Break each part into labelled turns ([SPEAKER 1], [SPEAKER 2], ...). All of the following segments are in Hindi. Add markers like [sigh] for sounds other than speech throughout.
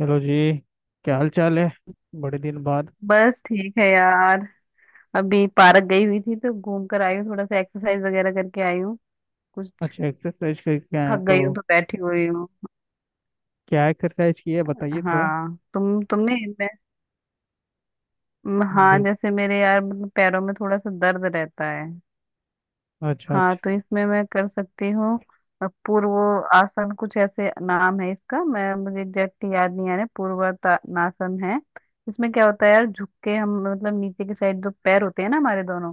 [SPEAKER 1] हेलो जी। क्या हाल चाल है। बड़े दिन बाद।
[SPEAKER 2] बस ठीक है यार। अभी पार्क गई हुई थी तो घूम कर आई हूँ, थोड़ा सा एक्सरसाइज वगैरह करके आई हूँ। कुछ
[SPEAKER 1] अच्छा, एक्सरसाइज करके आए
[SPEAKER 2] थक
[SPEAKER 1] हैं तो
[SPEAKER 2] गई हूँ तो बैठी हुई हूँ।
[SPEAKER 1] क्या एक्सरसाइज की है बताइए थोड़ा।
[SPEAKER 2] हाँ तुम तुमने मैं म- हाँ,
[SPEAKER 1] जी।
[SPEAKER 2] जैसे मेरे यार मतलब पैरों में थोड़ा सा दर्द रहता है।
[SPEAKER 1] अच्छा
[SPEAKER 2] हाँ
[SPEAKER 1] अच्छा।
[SPEAKER 2] तो इसमें मैं कर सकती हूँ। पूर्व आसन कुछ ऐसे नाम है इसका, मैं मुझे एग्जैक्टली याद नहीं आ रहा, पूर्वातानासन है। इसमें क्या होता है यार, झुक के हम मतलब नीचे की साइड जो पैर होते हैं ना हमारे दोनों,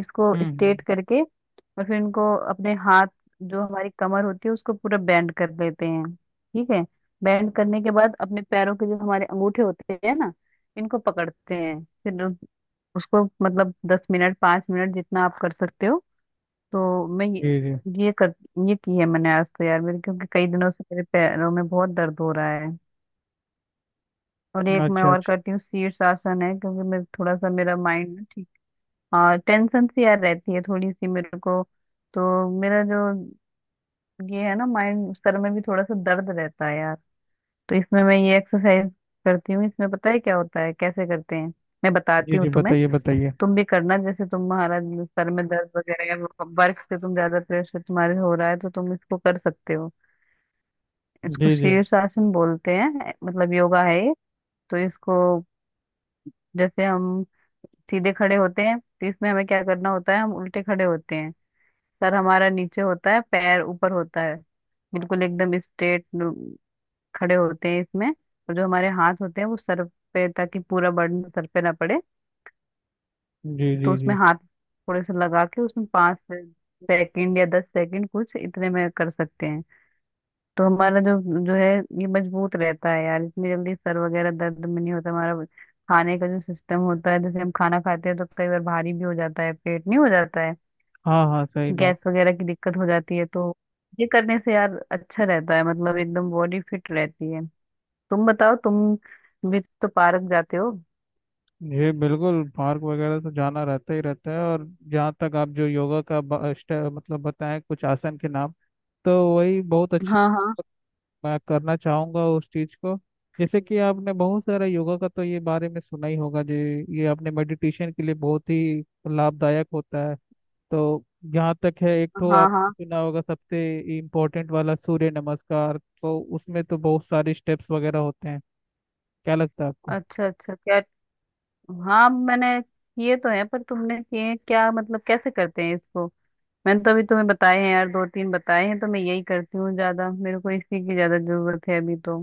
[SPEAKER 2] इसको
[SPEAKER 1] हम्म।
[SPEAKER 2] स्ट्रेट करके और फिर इनको अपने हाथ, जो हमारी कमर होती है उसको पूरा बैंड कर लेते हैं। ठीक है। बैंड करने के बाद अपने पैरों के जो हमारे अंगूठे होते हैं ना, इनको पकड़ते हैं फिर, उसको मतलब 10 मिनट 5 मिनट जितना आप कर सकते हो। तो मैं
[SPEAKER 1] जी जी।
[SPEAKER 2] ये कर ये की है मैंने आज, तो यार मेरे, क्योंकि कई दिनों से मेरे पैरों में बहुत दर्द हो रहा है। और एक मैं
[SPEAKER 1] अच्छा अच्छा।
[SPEAKER 2] और करती हूँ, शीर्ष आसन है, क्योंकि मैं थोड़ा सा मेरा माइंड, हाँ टेंशन सी यार रहती है थोड़ी सी मेरे को। तो मेरा जो ये है ना, माइंड सर में भी थोड़ा सा दर्द रहता है यार। तो इसमें मैं ये एक्सरसाइज करती हूँ। इसमें पता है क्या होता है कैसे करते हैं, मैं
[SPEAKER 1] जी
[SPEAKER 2] बताती हूँ
[SPEAKER 1] जी,
[SPEAKER 2] तुम्हें।
[SPEAKER 1] बताइए बताइए।
[SPEAKER 2] तुम भी करना, जैसे तुम्हारा सर में दर्द वगैरह है, वर्क से तुम ज्यादा प्रेशर तुम्हारे हो रहा है, तो तुम इसको कर सकते हो। इसको
[SPEAKER 1] जी जी
[SPEAKER 2] शीर्षासन बोलते हैं, मतलब योगा है ये। तो इसको, जैसे हम सीधे खड़े होते हैं, तो इसमें हमें क्या करना होता है, हम उल्टे खड़े होते हैं। सर हमारा नीचे होता है, पैर ऊपर होता है, बिल्कुल एकदम स्ट्रेट खड़े होते हैं इसमें। और जो हमारे हाथ होते हैं वो सर पे, ताकि पूरा बर्डन सर पे ना पड़े।
[SPEAKER 1] जी।
[SPEAKER 2] तो
[SPEAKER 1] जी
[SPEAKER 2] उसमें
[SPEAKER 1] जी।
[SPEAKER 2] हाथ थोड़े से लगा के, उसमें पाँच सेकंड या 10 सेकंड, कुछ इतने में कर सकते हैं। तो हमारा जो जो है, ये मजबूत रहता है यार, इतनी जल्दी सर वगैरह दर्द में नहीं होता हमारा। खाने का जो सिस्टम होता है, जैसे हम खाना खाते हैं तो कई बार भारी भी हो जाता है पेट, नहीं हो जाता है,
[SPEAKER 1] हाँ हाँ, सही
[SPEAKER 2] गैस
[SPEAKER 1] बात।
[SPEAKER 2] वगैरह की दिक्कत हो जाती है, तो ये करने से यार अच्छा रहता है, मतलब एकदम बॉडी फिट रहती है। तुम बताओ, तुम भी तो पार्क जाते हो।
[SPEAKER 1] जी बिल्कुल, पार्क वगैरह तो जाना रहता ही रहता है। और जहाँ तक आप जो योगा का ब- स्टे- मतलब बताएं कुछ आसन के नाम तो वही बहुत अच्छा।
[SPEAKER 2] हाँ हाँ,
[SPEAKER 1] मैं करना चाहूंगा उस चीज को। जैसे कि आपने बहुत सारा योगा का तो ये बारे में सुना ही होगा। जो ये आपने मेडिटेशन के लिए बहुत ही लाभदायक होता है। तो जहाँ तक है, एक तो
[SPEAKER 2] हाँ
[SPEAKER 1] आप
[SPEAKER 2] हाँ।
[SPEAKER 1] सुना होगा सबसे इम्पोर्टेंट वाला सूर्य नमस्कार। तो उसमें तो बहुत सारे स्टेप्स वगैरह होते हैं। क्या लगता है आपको।
[SPEAKER 2] अच्छा अच्छा, क्या? हाँ मैंने किए तो हैं, पर तुमने किए हैं क्या, मतलब कैसे करते हैं इसको? मैंने तो अभी तुम्हें बताए हैं यार, दो तीन बताए हैं, तो मैं यही करती हूँ ज्यादा, मेरे को इसी की ज्यादा जरूरत है अभी तो।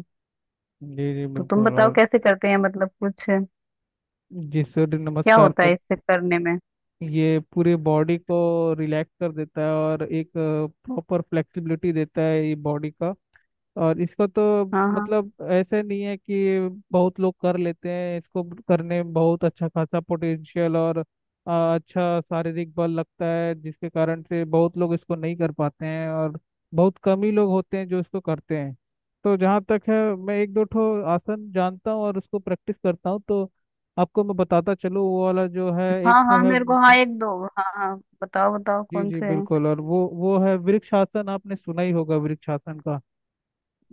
[SPEAKER 1] जी जी
[SPEAKER 2] तो तुम
[SPEAKER 1] बिल्कुल।
[SPEAKER 2] बताओ
[SPEAKER 1] और
[SPEAKER 2] कैसे करते हैं, मतलब कुछ क्या
[SPEAKER 1] जी सूर्य नमस्कार
[SPEAKER 2] होता
[SPEAKER 1] तो
[SPEAKER 2] है इससे करने में।
[SPEAKER 1] ये पूरी बॉडी को रिलैक्स कर देता है और एक प्रॉपर फ्लेक्सिबिलिटी देता है ये बॉडी का। और इसको तो
[SPEAKER 2] हाँ हाँ।
[SPEAKER 1] मतलब ऐसे नहीं है कि बहुत लोग कर लेते हैं इसको। करने में बहुत अच्छा खासा पोटेंशियल और अच्छा शारीरिक बल लगता है, जिसके कारण से बहुत लोग इसको नहीं कर पाते हैं। और बहुत कम ही लोग होते हैं जो इसको करते हैं। तो जहाँ तक है, मैं एक दो ठो आसन जानता हूँ और उसको प्रैक्टिस करता हूँ। तो आपको मैं बताता चलूँ। वो वाला जो है, एक
[SPEAKER 2] हाँ
[SPEAKER 1] तो
[SPEAKER 2] हाँ
[SPEAKER 1] है,
[SPEAKER 2] मेरे को, हाँ एक दो, हाँ हाँ बताओ बताओ,
[SPEAKER 1] जी
[SPEAKER 2] कौन
[SPEAKER 1] जी
[SPEAKER 2] से हैं।
[SPEAKER 1] बिल्कुल। और वो है वृक्षासन। आपने सुना ही होगा वृक्षासन का।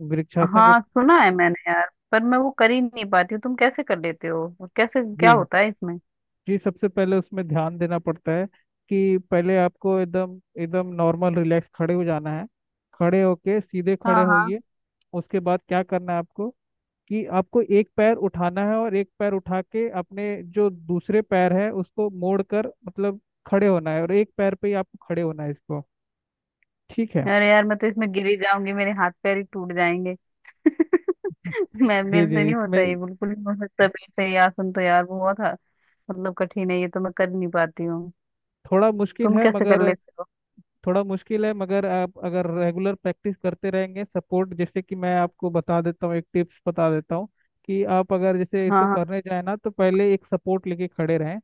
[SPEAKER 1] वृक्षासन का।
[SPEAKER 2] हाँ सुना है मैंने यार, पर मैं वो कर ही नहीं पाती हूँ, तुम कैसे कर लेते हो, वो कैसे क्या
[SPEAKER 1] जी
[SPEAKER 2] होता है इसमें।
[SPEAKER 1] जी, सबसे पहले उसमें ध्यान देना पड़ता है कि पहले आपको एकदम एकदम नॉर्मल रिलैक्स खड़े हो जाना है। खड़े होके सीधे
[SPEAKER 2] हाँ
[SPEAKER 1] खड़े
[SPEAKER 2] हाँ।
[SPEAKER 1] होइए। उसके बाद क्या करना है आपको, कि आपको एक पैर उठाना है और एक पैर उठा के अपने जो दूसरे पैर है उसको मोड़ कर मतलब खड़े होना है, और एक पैर पे ही आपको खड़े होना है इसको। ठीक है।
[SPEAKER 2] अरे यार मैं तो इसमें गिरी जाऊंगी, मेरे हाथ पैर ही टूट जाएंगे। [laughs]
[SPEAKER 1] [laughs]
[SPEAKER 2] मैं,
[SPEAKER 1] जी
[SPEAKER 2] मेरे से
[SPEAKER 1] जी,
[SPEAKER 2] नहीं होता
[SPEAKER 1] इसमें
[SPEAKER 2] ये, बिल्कुल नहीं हो सकता मेरे से यार, सुन, तो यार बहुत मतलब कठिन है ये, तो मैं कर नहीं पाती हूँ।
[SPEAKER 1] थोड़ा मुश्किल
[SPEAKER 2] तुम
[SPEAKER 1] है
[SPEAKER 2] कैसे कर
[SPEAKER 1] मगर,
[SPEAKER 2] लेते हो?
[SPEAKER 1] थोड़ा मुश्किल है मगर आप अगर रेगुलर प्रैक्टिस करते रहेंगे। सपोर्ट, जैसे कि मैं आपको बता देता हूँ, एक टिप्स बता देता हूँ कि आप अगर जैसे
[SPEAKER 2] हाँ
[SPEAKER 1] इसको
[SPEAKER 2] हाँ।
[SPEAKER 1] करने जाए ना, तो पहले एक सपोर्ट लेके खड़े रहें।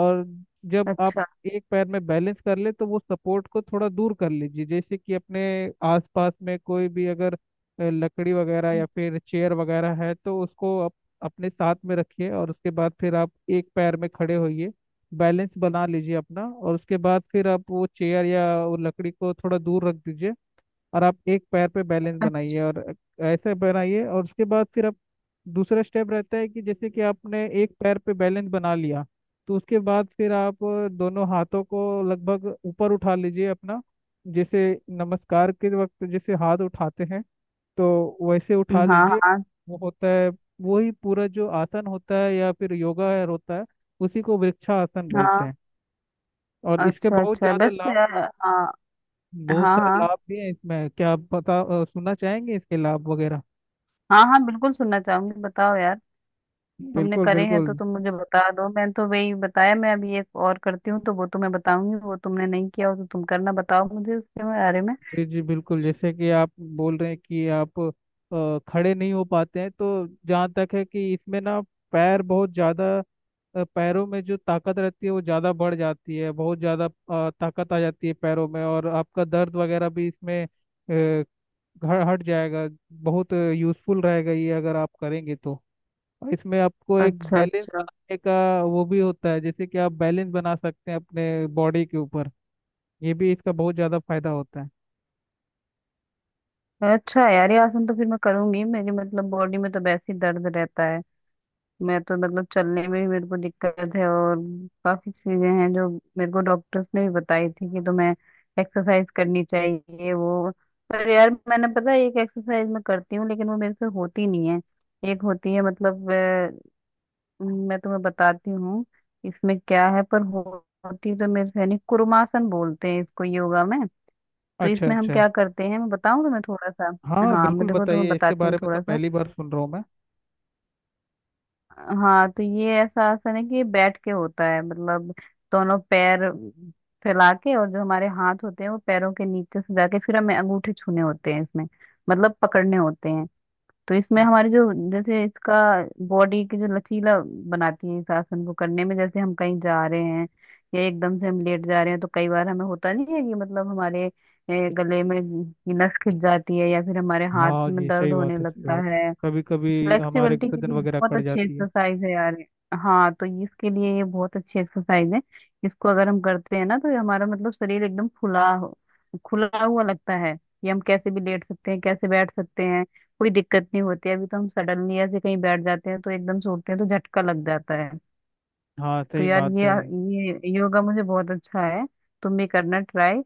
[SPEAKER 1] और जब आप
[SPEAKER 2] अच्छा
[SPEAKER 1] एक पैर में बैलेंस कर ले तो वो सपोर्ट को थोड़ा दूर कर लीजिए। जैसे कि अपने आसपास में कोई भी अगर लकड़ी वगैरह या फिर चेयर वगैरह है तो उसको आप अपने साथ में रखिए। और उसके बाद फिर आप एक पैर में खड़े होइए, बैलेंस बना लीजिए अपना। और उसके बाद फिर आप वो चेयर या वो लकड़ी को थोड़ा दूर रख दीजिए, और आप एक पैर पे बैलेंस
[SPEAKER 2] अच्छा,
[SPEAKER 1] बनाइए। और ऐसे बनाइए। और उसके बाद फिर आप दूसरा स्टेप रहता है कि जैसे कि आपने एक पैर पे बैलेंस बना लिया, तो उसके बाद फिर आप दोनों हाथों को लगभग ऊपर उठा लीजिए अपना, जैसे नमस्कार के वक्त जैसे हाथ उठाते हैं तो वैसे उठा
[SPEAKER 2] हाँ
[SPEAKER 1] लीजिए। वो होता है, वही पूरा जो आसन होता है या फिर योगा है होता है, उसी को वृक्षासन
[SPEAKER 2] हाँ।
[SPEAKER 1] बोलते हैं। और इसके
[SPEAKER 2] अच्छा
[SPEAKER 1] बहुत
[SPEAKER 2] अच्छा,
[SPEAKER 1] ज़्यादा
[SPEAKER 2] बस
[SPEAKER 1] लाभ,
[SPEAKER 2] यार, हाँ
[SPEAKER 1] बहुत
[SPEAKER 2] हाँ।
[SPEAKER 1] सारे
[SPEAKER 2] हाँ
[SPEAKER 1] लाभ भी हैं इसमें। क्या आप सुनना चाहेंगे इसके लाभ वगैरह।
[SPEAKER 2] हाँ, हाँ बिल्कुल सुनना चाहूंगी, बताओ यार। तुमने
[SPEAKER 1] बिल्कुल
[SPEAKER 2] करे हैं
[SPEAKER 1] बिल्कुल।
[SPEAKER 2] तो तुम मुझे बता दो, मैंने तो वही बताया, मैं अभी एक और करती हूँ तो वो तुम्हें बताऊंगी, वो तुमने नहीं किया हो तो तुम करना, बताओ मुझे उसके बारे में।
[SPEAKER 1] जी जी बिल्कुल। जैसे कि आप बोल रहे हैं कि आप खड़े नहीं हो पाते हैं, तो जहाँ तक है कि इसमें ना पैर बहुत ज़्यादा, पैरों में जो ताकत रहती है वो ज़्यादा बढ़ जाती है, बहुत ज़्यादा ताकत आ जाती है पैरों में। और आपका दर्द वगैरह भी इसमें हट जाएगा। बहुत यूज़फुल रहेगा ये अगर आप करेंगे तो। और इसमें आपको एक
[SPEAKER 2] अच्छा
[SPEAKER 1] बैलेंस
[SPEAKER 2] अच्छा।
[SPEAKER 1] बनाने का वो भी होता है, जैसे कि आप बैलेंस बना सकते हैं अपने बॉडी के ऊपर। ये भी इसका बहुत ज़्यादा फायदा होता है।
[SPEAKER 2] अच्छा यार, ये आसन तो फिर मैं करूंगी, मेरी मतलब बॉडी में तो वैसे ही दर्द रहता है, मैं तो मतलब चलने में भी मेरे को दिक्कत है, और काफी चीजें हैं जो मेरे को डॉक्टर्स ने भी बताई थी कि तुम्हें एक्सरसाइज करनी चाहिए वो। पर यार, मैंने पता है एक एक्सरसाइज मैं करती हूँ, लेकिन वो मेरे से होती नहीं है। एक होती है मतलब, मैं तुम्हें बताती हूँ। इसमें क्या है, पर होती तो मेरे से नहीं, कुरुमासन बोलते हैं इसको योगा में। तो
[SPEAKER 1] अच्छा
[SPEAKER 2] इसमें हम
[SPEAKER 1] अच्छा।
[SPEAKER 2] क्या करते हैं, मैं बताऊँ तुम्हें थोड़ा सा।
[SPEAKER 1] हाँ
[SPEAKER 2] हाँ, मैं
[SPEAKER 1] बिल्कुल,
[SPEAKER 2] देखो तुम्हें
[SPEAKER 1] बताइए इसके
[SPEAKER 2] बताती हूँ
[SPEAKER 1] बारे में, तो
[SPEAKER 2] थोड़ा सा।
[SPEAKER 1] पहली बार सुन रहा हूँ मैं।
[SPEAKER 2] हाँ तो ये ऐसा आसन है कि ये बैठ के होता है, मतलब दोनों पैर फैला के, और जो हमारे हाथ होते हैं वो पैरों के नीचे से जाके फिर हमें अंगूठे छूने होते हैं इसमें, मतलब पकड़ने होते हैं। तो इसमें हमारी जो, जैसे इसका बॉडी की जो लचीला बनाती है इस आसन को करने में। जैसे हम कहीं जा रहे हैं या एकदम से हम लेट जा रहे हैं तो कई बार हमें होता नहीं है कि, मतलब हमारे गले में की नस खिंच जाती है, या फिर हमारे हाथ
[SPEAKER 1] हाँ
[SPEAKER 2] में
[SPEAKER 1] जी, सही
[SPEAKER 2] दर्द होने
[SPEAKER 1] बात है, सही
[SPEAKER 2] लगता
[SPEAKER 1] बात है।
[SPEAKER 2] है।
[SPEAKER 1] कभी कभी हमारे
[SPEAKER 2] फ्लेक्सिबिलिटी के
[SPEAKER 1] गर्दन
[SPEAKER 2] लिए
[SPEAKER 1] वगैरह
[SPEAKER 2] बहुत
[SPEAKER 1] कट
[SPEAKER 2] अच्छी
[SPEAKER 1] जाती है।
[SPEAKER 2] एक्सरसाइज है यार ये। हाँ तो इसके लिए ये बहुत अच्छी एक्सरसाइज है। इसको अगर हम करते हैं ना तो ये हमारा मतलब शरीर एकदम खुला हुआ लगता है, कि हम कैसे भी लेट सकते हैं, कैसे बैठ सकते हैं, कोई दिक्कत नहीं होती। अभी तो हम सडनली ऐसे कहीं बैठ जाते हैं तो एकदम से उठते हैं तो झटका लग जाता है।
[SPEAKER 1] हाँ,
[SPEAKER 2] तो
[SPEAKER 1] सही
[SPEAKER 2] यार
[SPEAKER 1] बात
[SPEAKER 2] ये
[SPEAKER 1] है।
[SPEAKER 2] ये योगा मुझे बहुत अच्छा है, तुम भी करना ट्राई।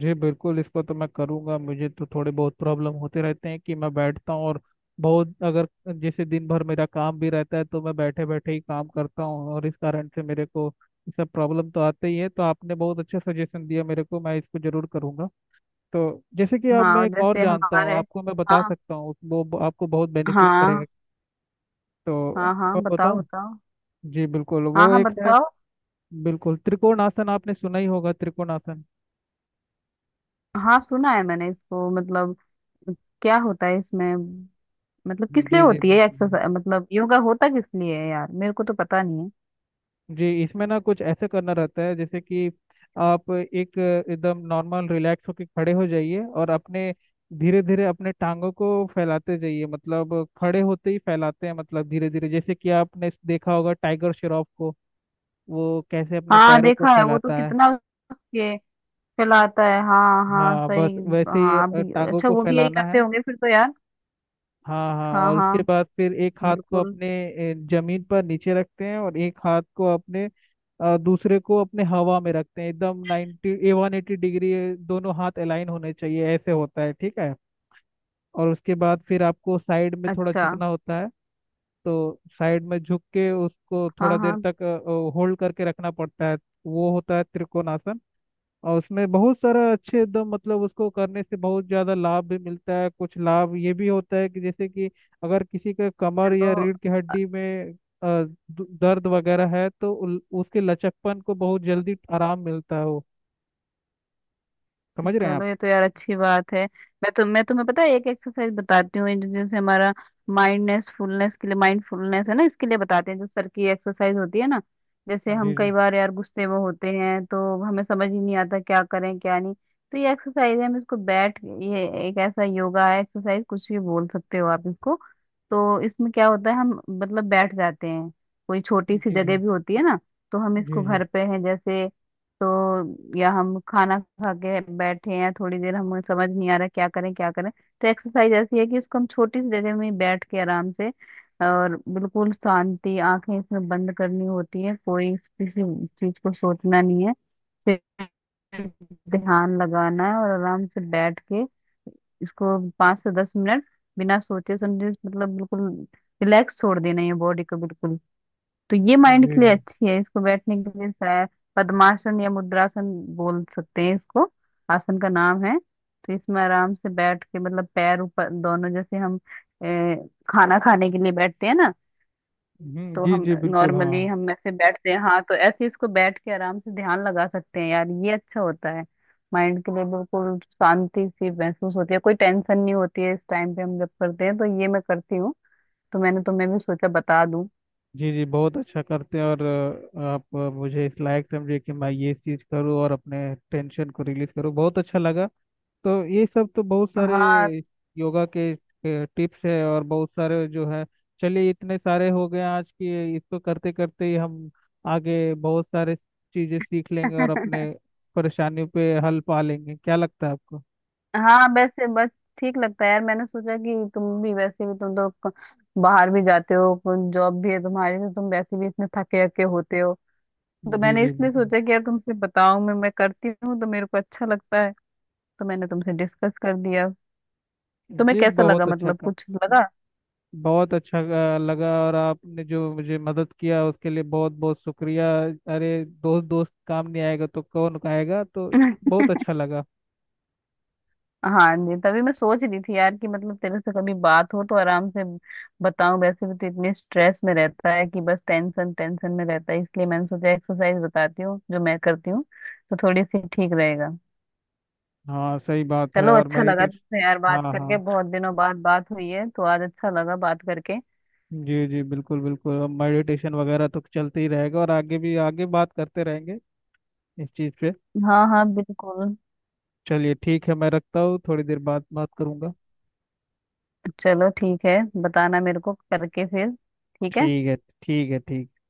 [SPEAKER 1] जी बिल्कुल, इसको तो मैं करूंगा। मुझे तो थोड़े बहुत प्रॉब्लम होते रहते हैं कि मैं बैठता हूँ और बहुत अगर, जैसे दिन भर मेरा काम भी रहता है तो मैं बैठे बैठे ही काम करता हूँ, और इस कारण से मेरे को ये सब प्रॉब्लम तो आते ही है। तो आपने बहुत अच्छा सजेशन दिया मेरे को, मैं इसको जरूर करूंगा। तो जैसे कि अब
[SPEAKER 2] हाँ
[SPEAKER 1] मैं
[SPEAKER 2] और
[SPEAKER 1] एक और
[SPEAKER 2] जैसे
[SPEAKER 1] जानता हूँ,
[SPEAKER 2] हमारे,
[SPEAKER 1] आपको मैं बता
[SPEAKER 2] हाँ,
[SPEAKER 1] सकता हूँ, वो आपको बहुत बेनिफिट करेगा।
[SPEAKER 2] हाँ।
[SPEAKER 1] तो
[SPEAKER 2] हाँ हाँ
[SPEAKER 1] आपको मैं
[SPEAKER 2] बताओ
[SPEAKER 1] बताऊँ।
[SPEAKER 2] बताओ।
[SPEAKER 1] जी बिल्कुल,
[SPEAKER 2] हाँ
[SPEAKER 1] वो
[SPEAKER 2] हाँ
[SPEAKER 1] एक है,
[SPEAKER 2] बताओ।
[SPEAKER 1] बिल्कुल, त्रिकोण आसन। आपने सुना ही होगा त्रिकोण आसन।
[SPEAKER 2] हाँ सुना है मैंने इसको, मतलब क्या होता है इसमें, मतलब किस लिए
[SPEAKER 1] जी जी
[SPEAKER 2] होती है
[SPEAKER 1] बिल्कुल।
[SPEAKER 2] एक्सरसाइज, मतलब योगा होता किस लिए है यार, मेरे को तो पता नहीं है।
[SPEAKER 1] जी इसमें ना कुछ ऐसे करना रहता है जैसे कि आप एक एकदम नॉर्मल रिलैक्स होके खड़े हो जाइए, और अपने धीरे धीरे अपने टांगों को फैलाते जाइए। मतलब खड़े होते ही फैलाते हैं, मतलब धीरे धीरे, जैसे कि आपने देखा होगा टाइगर श्रॉफ को, वो कैसे अपने
[SPEAKER 2] हाँ
[SPEAKER 1] पैरों को
[SPEAKER 2] देखा है, वो तो
[SPEAKER 1] फैलाता है।
[SPEAKER 2] कितना, उसके फैलाता है, हाँ हाँ
[SPEAKER 1] हाँ बस
[SPEAKER 2] सही।
[SPEAKER 1] वैसे ही
[SPEAKER 2] हाँ अभी,
[SPEAKER 1] टांगों
[SPEAKER 2] अच्छा
[SPEAKER 1] को
[SPEAKER 2] वो भी यही
[SPEAKER 1] फैलाना है।
[SPEAKER 2] करते होंगे फिर, तो यार।
[SPEAKER 1] हाँ हाँ।
[SPEAKER 2] हाँ
[SPEAKER 1] और उसके
[SPEAKER 2] हाँ
[SPEAKER 1] बाद फिर एक हाथ को
[SPEAKER 2] बिल्कुल।
[SPEAKER 1] अपने जमीन पर नीचे रखते हैं, और एक हाथ को अपने दूसरे को अपने हवा में रखते हैं एकदम 90 180 डिग्री। ये दोनों हाथ अलाइन होने चाहिए, ऐसे होता है ठीक है। और उसके बाद फिर आपको साइड में थोड़ा
[SPEAKER 2] अच्छा,
[SPEAKER 1] झुकना होता है। तो साइड में झुक के उसको
[SPEAKER 2] हाँ
[SPEAKER 1] थोड़ा देर
[SPEAKER 2] हाँ।
[SPEAKER 1] तक होल्ड करके रखना पड़ता है। वो होता है त्रिकोणासन। और उसमें बहुत सारा अच्छे, एकदम मतलब उसको करने से बहुत ज़्यादा लाभ भी मिलता है। कुछ लाभ ये भी होता है कि जैसे कि अगर किसी के कमर या
[SPEAKER 2] चलो,
[SPEAKER 1] रीढ़ की हड्डी में अ, दर्द वगैरह है तो उसके लचकपन को बहुत जल्दी आराम मिलता है वो। समझ रहे हैं आप।
[SPEAKER 2] चलो ये तो यार अच्छी बात है। मैं तो, मैं तुम्हें पता है, एक एक्सरसाइज बताती हूँ, ये जैसे हमारा माइंडनेस फुलनेस के लिए माइंडफुलनेस है ना, इसके लिए बताते हैं, जो सर की एक्सरसाइज होती है ना। जैसे हम
[SPEAKER 1] जी
[SPEAKER 2] कई
[SPEAKER 1] जी
[SPEAKER 2] बार यार गुस्से में होते हैं तो हमें समझ ही नहीं आता क्या करें क्या नहीं। तो ये एक्सरसाइज है, हम इसको बैठ ये एक ऐसा योगा है, एक्सरसाइज कुछ भी बोल सकते हो आप इसको। तो इसमें क्या होता है, हम मतलब बैठ जाते हैं, कोई छोटी सी
[SPEAKER 1] जी
[SPEAKER 2] जगह
[SPEAKER 1] जी।
[SPEAKER 2] भी होती है ना, तो हम
[SPEAKER 1] जी
[SPEAKER 2] इसको,
[SPEAKER 1] जी
[SPEAKER 2] घर पे हैं जैसे, तो, या हम खाना खा के बैठे हैं थोड़ी देर, हमें समझ नहीं आ रहा क्या करें क्या करें, तो एक्सरसाइज ऐसी है कि उसको हम छोटी सी जगह में बैठ के आराम से, और बिल्कुल शांति, आंखें इसमें बंद करनी होती है, कोई किसी चीज को सोचना नहीं है, सिर्फ ध्यान लगाना है, और आराम से बैठ के इसको 5 से 10 मिनट, बिना सोचे समझे, मतलब बिल्कुल रिलैक्स छोड़ देना है बॉडी को बिल्कुल। तो ये माइंड
[SPEAKER 1] जी
[SPEAKER 2] के लिए
[SPEAKER 1] जी।
[SPEAKER 2] अच्छी है। इसको बैठने के लिए शायद पद्मासन या मुद्रासन बोल सकते हैं इसको, आसन का नाम है। तो इसमें आराम से बैठ के मतलब पैर ऊपर दोनों, जैसे हम ए, खाना खाने के लिए बैठते हैं ना, तो
[SPEAKER 1] जी
[SPEAKER 2] हम
[SPEAKER 1] जी बिल्कुल
[SPEAKER 2] नॉर्मली
[SPEAKER 1] हाँ।
[SPEAKER 2] हम ऐसे बैठते हैं हाँ, तो ऐसे इसको बैठ के आराम से ध्यान लगा सकते हैं यार, ये अच्छा होता है माइंड के लिए। बिल्कुल शांति सी महसूस होती है, कोई टेंशन नहीं होती है इस टाइम पे हम जब करते हैं, तो ये मैं करती हूँ, तो मैंने तुम्हें भी सोचा बता दूं।
[SPEAKER 1] जी जी, बहुत अच्छा करते हैं। और आप मुझे इस लायक समझे कि मैं ये चीज़ करूँ और अपने टेंशन को रिलीज करूँ, बहुत अच्छा लगा। तो ये सब तो बहुत सारे
[SPEAKER 2] हाँ।
[SPEAKER 1] योगा के टिप्स है और बहुत सारे जो है, चलिए इतने सारे हो गए आज की। इसको करते करते ही हम आगे बहुत सारे चीजें सीख लेंगे और
[SPEAKER 2] [laughs]
[SPEAKER 1] अपने परेशानियों पे हल पा लेंगे। क्या लगता है आपको।
[SPEAKER 2] हाँ वैसे, बस ठीक लगता है यार, मैंने सोचा कि तुम भी, वैसे भी तुम तो बाहर भी जाते हो, जॉब भी है तुम्हारी, तो तुम वैसे भी इसमें थके हके होते हो। तो
[SPEAKER 1] जी
[SPEAKER 2] मैंने
[SPEAKER 1] जी।
[SPEAKER 2] इसलिए सोचा कि यार तुमसे बताऊं, मैं करती हूँ तो मेरे को अच्छा लगता है, तो मैंने तुमसे डिस्कस कर दिया। तुम्हें
[SPEAKER 1] जी
[SPEAKER 2] कैसा लगा,
[SPEAKER 1] बहुत अच्छा
[SPEAKER 2] मतलब
[SPEAKER 1] काम।
[SPEAKER 2] कुछ लगा?
[SPEAKER 1] बहुत अच्छा लगा। और आपने जो मुझे मदद किया उसके लिए बहुत बहुत शुक्रिया। अरे दोस्त दोस्त काम नहीं आएगा तो कौन आएगा। तो
[SPEAKER 2] [laughs]
[SPEAKER 1] बहुत अच्छा लगा।
[SPEAKER 2] हाँ जी, तभी मैं सोच रही थी यार कि मतलब तेरे से कभी बात हो तो आराम से बताऊं, वैसे भी तो इतने स्ट्रेस में रहता है कि बस टेंशन टेंशन में रहता है, इसलिए मैंने सोचा एक्सरसाइज बताती हूँ जो मैं करती हूँ, तो थोड़ी सी ठीक रहेगा।
[SPEAKER 1] हाँ, सही बात है।
[SPEAKER 2] चलो,
[SPEAKER 1] और
[SPEAKER 2] अच्छा लगा तुमसे यार
[SPEAKER 1] मेडिटेशन। हाँ
[SPEAKER 2] बात
[SPEAKER 1] हाँ।
[SPEAKER 2] करके, बहुत दिनों बाद बात हुई है तो आज अच्छा लगा बात करके।
[SPEAKER 1] जी जी, बिल्कुल बिल्कुल। अब मेडिटेशन वगैरह तो चलते ही रहेगा, और आगे भी आगे बात करते रहेंगे इस चीज़ पे।
[SPEAKER 2] हाँ हाँ बिल्कुल।
[SPEAKER 1] चलिए ठीक है, मैं रखता हूँ, थोड़ी देर बाद बात करूँगा।
[SPEAKER 2] चलो ठीक है, बताना मेरे को करके फिर। ठीक है।
[SPEAKER 1] ठीक है। ठीक है ठीक।